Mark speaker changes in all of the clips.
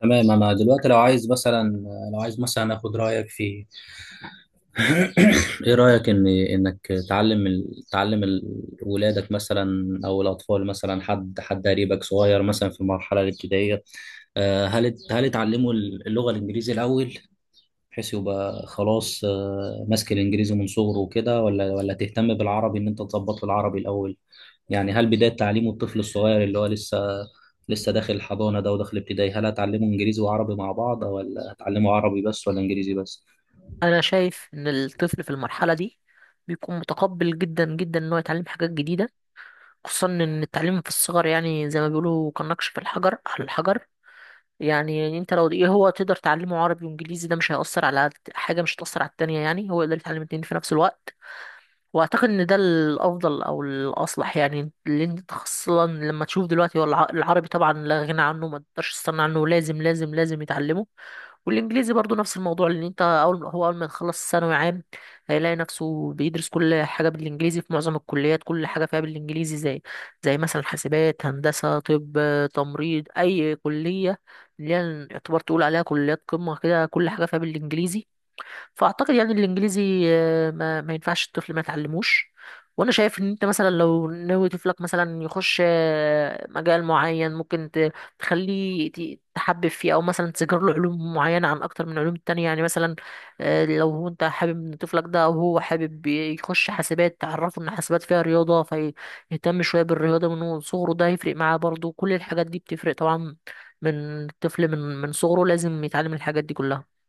Speaker 1: تمام، انا دلوقتي لو عايز مثلا، اخد رايك في ايه رايك ان انك تعلم ولادك مثلا، او الاطفال مثلا، حد قريبك صغير مثلا في المرحله الابتدائيه. هل تعلموا اللغه الانجليزيه الاول، بحيث يبقى خلاص ماسك الانجليزي من صغره وكده، ولا تهتم بالعربي ان انت تظبط له العربي الاول؟ يعني هل بداية تعليمه الطفل الصغير اللي هو لسه داخل الحضانة ده وداخل ابتدائي، هل هتعلمه انجليزي وعربي مع بعض، ولا هتعلمه عربي بس، ولا انجليزي بس؟
Speaker 2: انا شايف ان الطفل في المرحله دي بيكون متقبل جدا جدا ان هو يتعلم حاجات جديده. خصوصا ان التعليم في الصغر يعني زي ما بيقولوا كالنقش في الحجر على الحجر. يعني انت لو ايه هو تقدر تعلمه عربي وانجليزي، ده مش هيأثر على حاجه، مش هتأثر على التانية. يعني هو يقدر يتعلم الاتنين في نفس الوقت. واعتقد ان ده الافضل او الاصلح، يعني لان انت خاصه لما تشوف دلوقتي هو العربي طبعا لا غنى عنه، ما تقدرش تستغنى عنه. لازم لازم لازم يتعلمه. والانجليزي برضو نفس الموضوع، لان انت اول ما يخلص ثانوي عام هيلاقي نفسه بيدرس كل حاجه بالانجليزي في معظم الكليات. كل حاجه فيها بالانجليزي، زي مثلا حاسبات، هندسه، طب، تمريض، اي كليه اللي هي يعتبر تقول عليها كليات قمه كده، كل حاجه فيها بالانجليزي. فاعتقد يعني الانجليزي ما ينفعش الطفل ما يتعلموش. وانا شايف ان انت مثلا لو ناوي طفلك مثلا يخش مجال معين، ممكن تخليه تحبب فيه، او مثلا تذكر له علوم معينه عن اكتر من علوم التانية. يعني مثلا لو هو انت حابب ان طفلك ده، او هو حابب يخش حاسبات، تعرفه ان حاسبات فيها رياضه، فيهتم شويه بالرياضه من هو صغره. ده هيفرق معاه برضه، كل الحاجات دي بتفرق طبعا. من الطفل من صغره لازم يتعلم الحاجات دي كلها.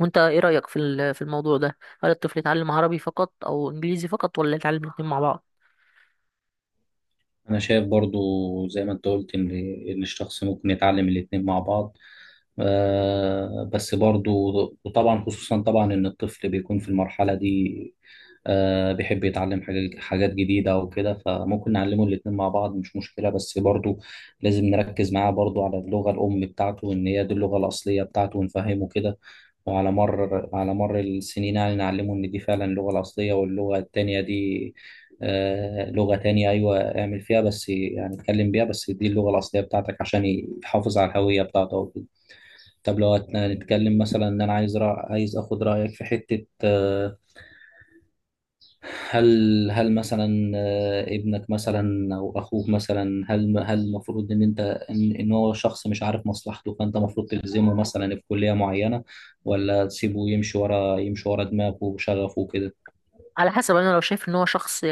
Speaker 2: وانت ايه رأيك في الموضوع ده؟ هل الطفل يتعلم عربي فقط او انجليزي فقط، ولا يتعلم الاتنين مع بعض؟
Speaker 1: أنا شايف برضو زي ما أنت قلت إن الشخص ممكن يتعلم الاتنين مع بعض، بس برضو، وطبعا خصوصا طبعا إن الطفل بيكون في المرحلة دي بيحب يتعلم حاجات جديدة وكده، فممكن نعلمه الاتنين مع بعض، مش مشكلة، بس برضو لازم نركز معاه برضو على اللغة الأم بتاعته، إن هي دي اللغة الأصلية بتاعته، ونفهمه كده. وعلى مر السنين يعني نعلمه إن دي فعلا اللغة الأصلية، واللغة التانية دي لغة تانية، أيوة اعمل فيها بس، يعني اتكلم بيها بس، دي اللغة الأصلية بتاعتك عشان يحافظ على الهوية بتاعته وكده. طب لو هنتكلم مثلا، إن أنا عايز عايز آخد رأيك في حتة، هل مثلا ابنك مثلا أو أخوك مثلا، هل المفروض إن أنت إن هو شخص مش عارف مصلحته، فأنت المفروض تلزمه مثلا في كلية معينة، ولا تسيبه يمشي ورا، دماغه وشغفه وكده؟
Speaker 2: على حسب. انا لو شايف ان هو شخص،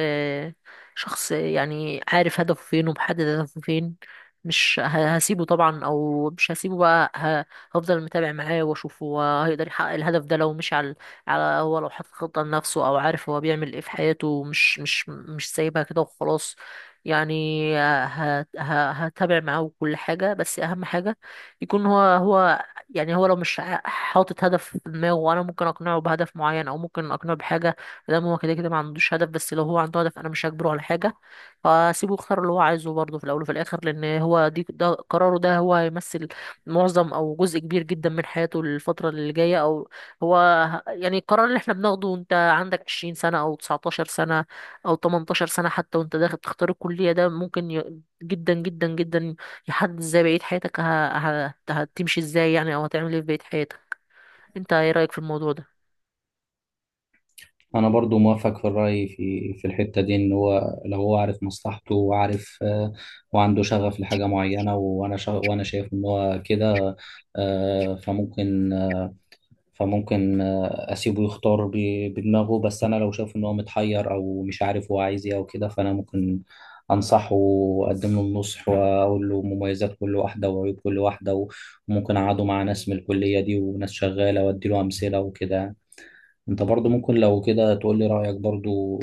Speaker 2: يعني عارف هدفه فين ومحدد هدفه فين، مش هسيبه طبعا. او مش هسيبه بقى، هفضل متابع معاه واشوف هو هيقدر يحقق الهدف ده لو مشي على، على هو لو حاطط خطة لنفسه، او عارف هو بيعمل ايه في حياته، ومش مش مش سايبها كده وخلاص. يعني هتابع معاه كل حاجة، بس اهم حاجة يكون هو هو. يعني هو لو مش حاطط هدف في دماغه، وانا ممكن اقنعه بهدف معين او ممكن اقنعه بحاجة. فدام هو كده كده ما عندوش هدف، بس لو هو عنده هدف انا مش هجبره على حاجه. فسيبه يختار اللي هو عايزه برضه في الاول وفي الاخر، لان هو ده قراره. ده هو هيمثل معظم او جزء كبير جدا من حياته، الفتره اللي جايه. او هو يعني القرار اللي احنا بناخده، انت عندك 20 سنه او 19 سنه او 18 سنه حتى وانت داخل تختار الكليه، ده ممكن جدا جدا جدا يحدد ازاي بقيه حياتك هتمشي ازاي، يعني، او هتعمل ايه في بقيه حياتك. انت ايه رايك في الموضوع ده؟
Speaker 1: انا برضو موافق في الرأي، في الحتة دي، ان هو لو هو عارف مصلحته وعارف، وعنده شغف لحاجة معينة، وانا شايف ان هو كده، آه، فممكن آه، فممكن اسيبه يختار بدماغه. بس انا لو شايف ان هو متحير، او مش عارف هو عايز ايه او كده، فانا ممكن انصحه واقدم له النصح، واقول له مميزات كل واحدة وعيوب كل واحدة، وممكن اقعده مع ناس من الكلية دي وناس شغالة، وادي له امثلة وكده. انت برضو ممكن لو كده تقول لي رأيك برضو.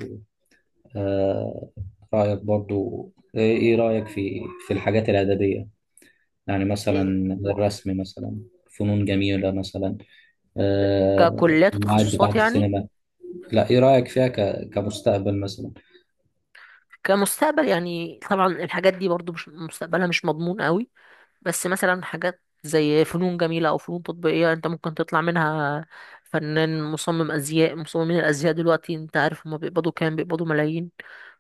Speaker 1: آه، رأيك برضو ايه، إيه رأيك في في الحاجات الأدبية؟ يعني مثلا
Speaker 2: إيه؟
Speaker 1: الرسم مثلا، فنون جميلة مثلا. آه.
Speaker 2: ككليات
Speaker 1: المواعيد
Speaker 2: وتخصصات
Speaker 1: بتاعة
Speaker 2: يعني؟
Speaker 1: السينما. لا، ايه رأيك فيها كمستقبل مثلا؟
Speaker 2: كمستقبل يعني طبعا الحاجات دي برضو مش مستقبلها مش مضمون قوي. بس مثلا حاجات زي فنون جميلة أو فنون تطبيقية أنت ممكن تطلع منها فنان، مصمم أزياء. مصممين الأزياء دلوقتي أنت عارف هما بيقبضوا كام؟ بيقبضوا ملايين.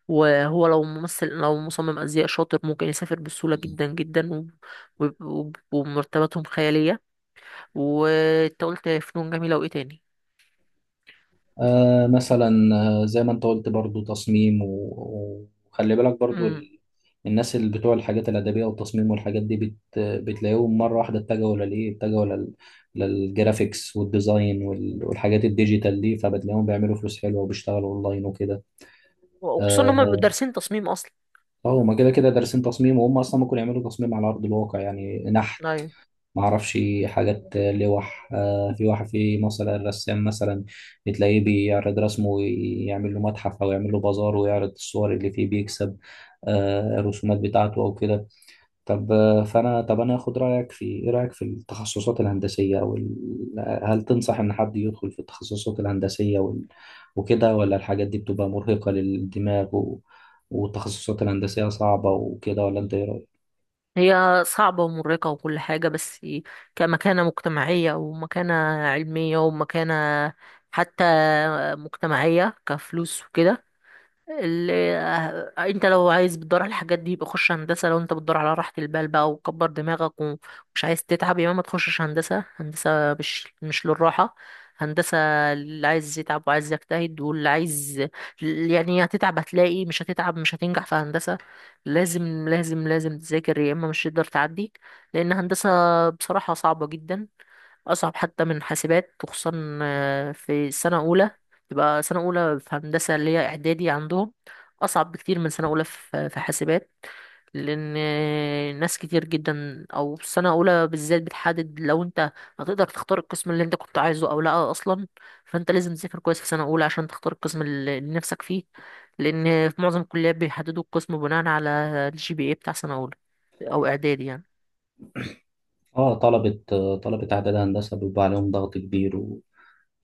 Speaker 2: وهو لو ممثل، لو مصمم أزياء شاطر، ممكن يسافر بسهولة جدا جدا ومرتباتهم خيالية. وأنت قلت فنون جميلة وإيه تاني؟
Speaker 1: آه مثلا، زي ما انت قلت برضو، تصميم، وخلي بالك برضو
Speaker 2: مم.
Speaker 1: الناس اللي بتوع الحاجات الأدبية والتصميم والحاجات دي، بتلاقيهم مرة واحدة اتجهوا للجرافيكس والديزاين والحاجات الديجيتال دي، فبتلاقيهم بيعملوا فلوس حلوة، وبيشتغلوا أونلاين وكده.
Speaker 2: وخصوصا إن هما بيبقوا
Speaker 1: اه.
Speaker 2: دارسين تصميم أصلا.
Speaker 1: هما كده كده دارسين تصميم، وهم أصلا ممكن يعملوا تصميم على أرض الواقع، يعني نحت.
Speaker 2: أيوة.
Speaker 1: ما اعرفش حاجات لوح. في واحد في مصر الرسام مثلا، بتلاقيه بيعرض رسمه ويعمل له متحف، او يعمل له بازار ويعرض الصور اللي فيه، بيكسب الرسومات بتاعته او كده. طب آه، فانا طب انا اخد رايك في، ايه رايك في التخصصات الهندسيه، او هل تنصح ان حد يدخل في التخصصات الهندسيه وكده، ولا الحاجات دي بتبقى مرهقه للدماغ والتخصصات الهندسيه صعبه وكده، ولا انت ايه رأيك؟
Speaker 2: هي صعبة ومرهقة وكل حاجة، بس كمكانة مجتمعية، ومكانة علمية، ومكانة حتى مجتمعية كفلوس وكده، اللي انت لو عايز بتدور على الحاجات دي يبقى خش هندسه. لو انت بتدور على راحه البال بقى وكبر دماغك ومش عايز تتعب، يبقى ما تخشش هندسه. هندسه مش للراحه. هندسه اللي عايز يتعب وعايز يجتهد واللي عايز، يعني هتتعب. هتلاقي مش هتتعب مش هتنجح في هندسه. لازم لازم لازم تذاكر يا اما مش هتقدر تعدي. لان هندسه بصراحه صعبه جدا، اصعب حتى من حاسبات. وخصوصا في السنه الاولى، تبقى سنة أولى في هندسة اللي هي إعدادي عندهم، أصعب بكتير من سنة أولى في حاسبات. لأن ناس كتير جدا، أو سنة أولى بالذات بتحدد لو أنت هتقدر تختار القسم اللي أنت كنت عايزه أو لأ أصلا. فأنت لازم تذاكر كويس في سنة أولى عشان تختار القسم اللي نفسك فيه. لأن في معظم الكليات بيحددوا القسم بناء على الجي بي إيه بتاع سنة أولى، أو إعدادي يعني.
Speaker 1: اه. طلبة اعداد هندسة بيبقى عليهم ضغط كبير، وفي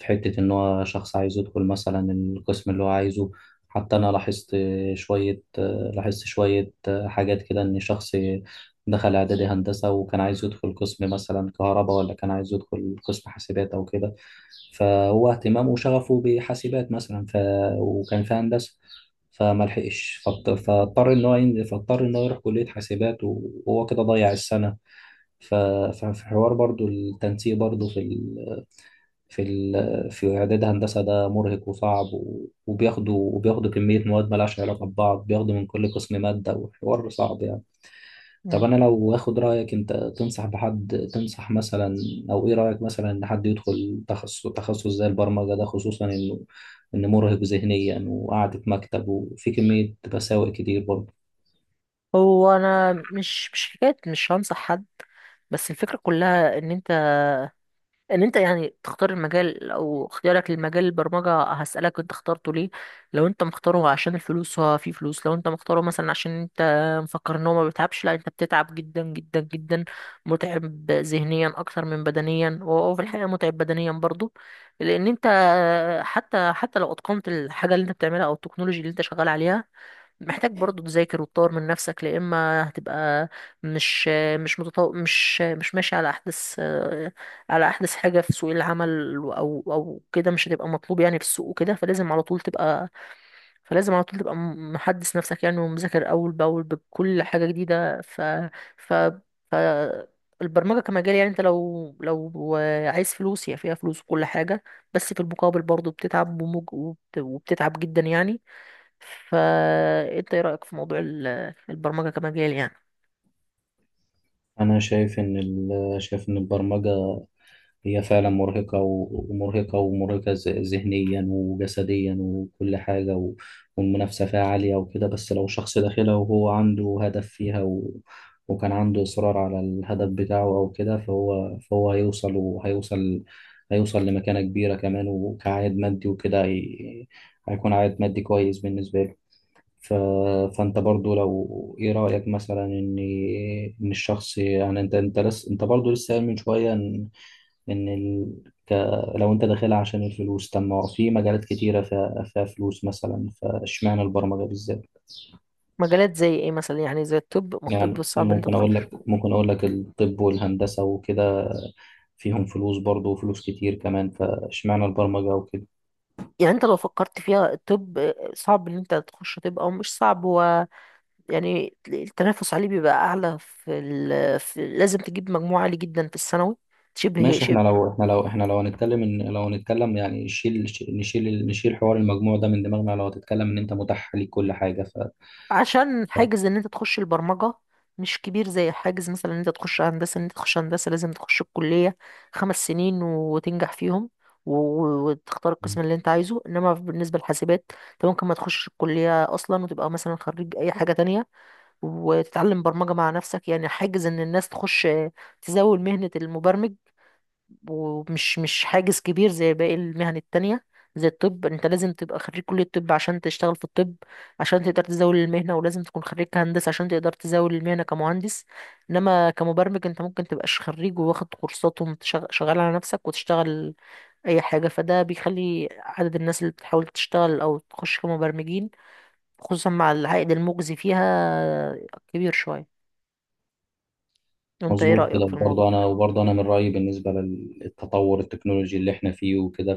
Speaker 1: حتة ان هو شخص عايز يدخل مثلا القسم اللي هو عايزه. حتى انا شوية لاحظت شوية حاجات كده، ان شخص دخل اعدادي هندسة وكان عايز يدخل قسم مثلا كهرباء، ولا كان عايز يدخل قسم حاسبات او كده، فهو اهتمامه وشغفه بحاسبات مثلا وكان في هندسة، فما لحقش، فاضطر ان هو ينزل، فاضطر ان هو يروح كلية حاسبات، وهو كده ضيع السنة. ف- ففي حوار برضو التنسيق برضو، في في إعداد هندسة، ده مرهق وصعب، وبياخدوا كمية مواد مالهاش علاقة ببعض، بياخدوا من كل قسم مادة، وحوار صعب يعني. طب
Speaker 2: مم.
Speaker 1: أنا لو آخد رأيك، أنت تنصح بحد، تنصح مثلا، أو إيه رأيك مثلا إن حد يدخل تخصص زي البرمجة ده، خصوصا إنه مرهق ذهنيا، وقعدة مكتب، وفي كمية مساوئ كتير برضه.
Speaker 2: هو أنا مش حكاية، مش هنصح حد. بس الفكرة كلها إن أنت، ان انت يعني تختار المجال. او اختيارك للمجال البرمجة، هسألك انت اخترته ليه؟ لو انت مختاره عشان الفلوس، هو في فلوس. لو انت مختاره مثلا عشان انت مفكر ان هو ما بيتعبش، لا انت بتتعب جدا جدا جدا. متعب ذهنيا اكتر من بدنيا، وهو في الحقيقة متعب بدنيا برضو. لان انت حتى لو اتقنت الحاجة اللي انت بتعملها او التكنولوجي اللي انت شغال عليها، محتاج برضو تذاكر وتطور من نفسك، لا اما هتبقى مش، مش ماشي على احدث، على احدث حاجه في سوق العمل او او كده. مش هتبقى مطلوب يعني في السوق وكده. فلازم على طول تبقى محدث نفسك يعني، ومذاكر اول باول بكل حاجه جديده. ف ف البرمجه كمجال يعني، انت لو عايز فلوس، هي فيها فلوس وكل حاجه، بس في المقابل برضو بتتعب وبتتعب جدا يعني. فانت ايه رأيك في موضوع البرمجة كمجال يعني؟
Speaker 1: أنا شايف إن البرمجة هي فعلا مرهقة، ذهنيا وجسديا وكل حاجة، والمنافسة فيها عالية وكده، بس لو شخص داخلها وهو عنده هدف فيها وكان عنده إصرار على الهدف بتاعه أو كده، فهو هيوصل، وهيوصل هيوصل لمكانة كبيرة كمان، وكعائد مادي وكده، هيكون عائد مادي كويس بالنسبة له. ف... فأنت برضو لو، إيه رأيك مثلا إن الشخص يعني، أنت برضو لسه قايل من شوية، ان ك... لو انت داخلها عشان الفلوس، طب ما هو في مجالات كتيره فيها فلوس مثلا، فاشمعنى البرمجه بالذات؟
Speaker 2: مجالات زي ايه مثلا؟ يعني زي الطب. ما الطب
Speaker 1: يعني
Speaker 2: صعب ان انت
Speaker 1: ممكن اقول
Speaker 2: تخش.
Speaker 1: لك، الطب والهندسه وكده، فيهم فلوس برضه وفلوس كتير كمان، فاشمعنى البرمجه وكده؟
Speaker 2: يعني انت لو فكرت فيها الطب صعب ان انت تخش طب او مش صعب، هو يعني التنافس عليه بيبقى اعلى في لازم تجيب مجموع عالي جدا في الثانوي شبه.
Speaker 1: ماشي، احنا لو احنا لو احنا لو هنتكلم ان لو هنتكلم يعني، شيل نشيل نشيل حوار المجموع ده من دماغنا، لو هتتكلم ان انت متاح ليك كل حاجه.
Speaker 2: عشان حاجز ان انت تخش البرمجة مش كبير زي حاجز مثلا ان انت تخش هندسة. ان انت تخش هندسة لازم تخش الكلية 5 سنين وتنجح فيهم، وتختار القسم اللي انت عايزه. انما بالنسبة للحاسبات انت ممكن ما تخشش الكلية اصلا وتبقى مثلا خريج اي حاجة تانية وتتعلم برمجة مع نفسك. يعني حاجز ان الناس تخش تزاول مهنة المبرمج، ومش مش حاجز كبير زي باقي المهن التانية. زي الطب انت لازم تبقى خريج كلية الطب عشان تشتغل في الطب، عشان تقدر تزاول المهنة. ولازم تكون خريج هندسة عشان تقدر تزاول المهنة كمهندس. انما كمبرمج انت ممكن تبقاش خريج وواخد كورسات وشغال على نفسك وتشتغل اي حاجة. فده بيخلي عدد الناس اللي بتحاول تشتغل او تخش كمبرمجين، خصوصا مع العائد المجزي فيها، كبير شوية. وانت ايه
Speaker 1: مظبوط كده،
Speaker 2: رأيك في الموضوع؟
Speaker 1: وبرضه انا من رايي بالنسبه للتطور التكنولوجي اللي احنا فيه وكده،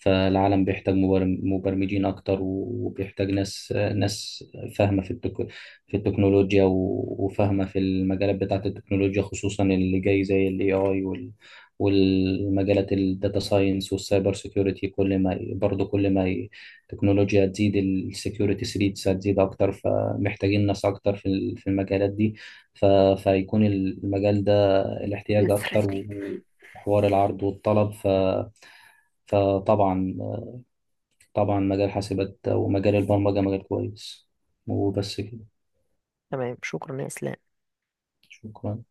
Speaker 1: فالعالم بيحتاج مبرمجين اكتر، وبيحتاج ناس فاهمه في في التكنولوجيا، وفاهمه في المجالات بتاعه التكنولوجيا، خصوصا اللي جاي زي الاي اي والمجالات الداتا ساينس والسايبر سيكيورتي. كل ما ي- برضه كل ما ي- التكنولوجيا تزيد السكيورتي ثريتس هتزيد اكتر، فمحتاجين ناس اكتر في في المجالات دي. ف... فيكون المجال ده الاحتياج اكتر
Speaker 2: Threatening.
Speaker 1: وحوار العرض والطلب. ف... فطبعا طبعا مجال حاسبات ومجال البرمجة مجال كويس، وبس كده.
Speaker 2: تمام، شكرا يا اسلام.
Speaker 1: شكرا.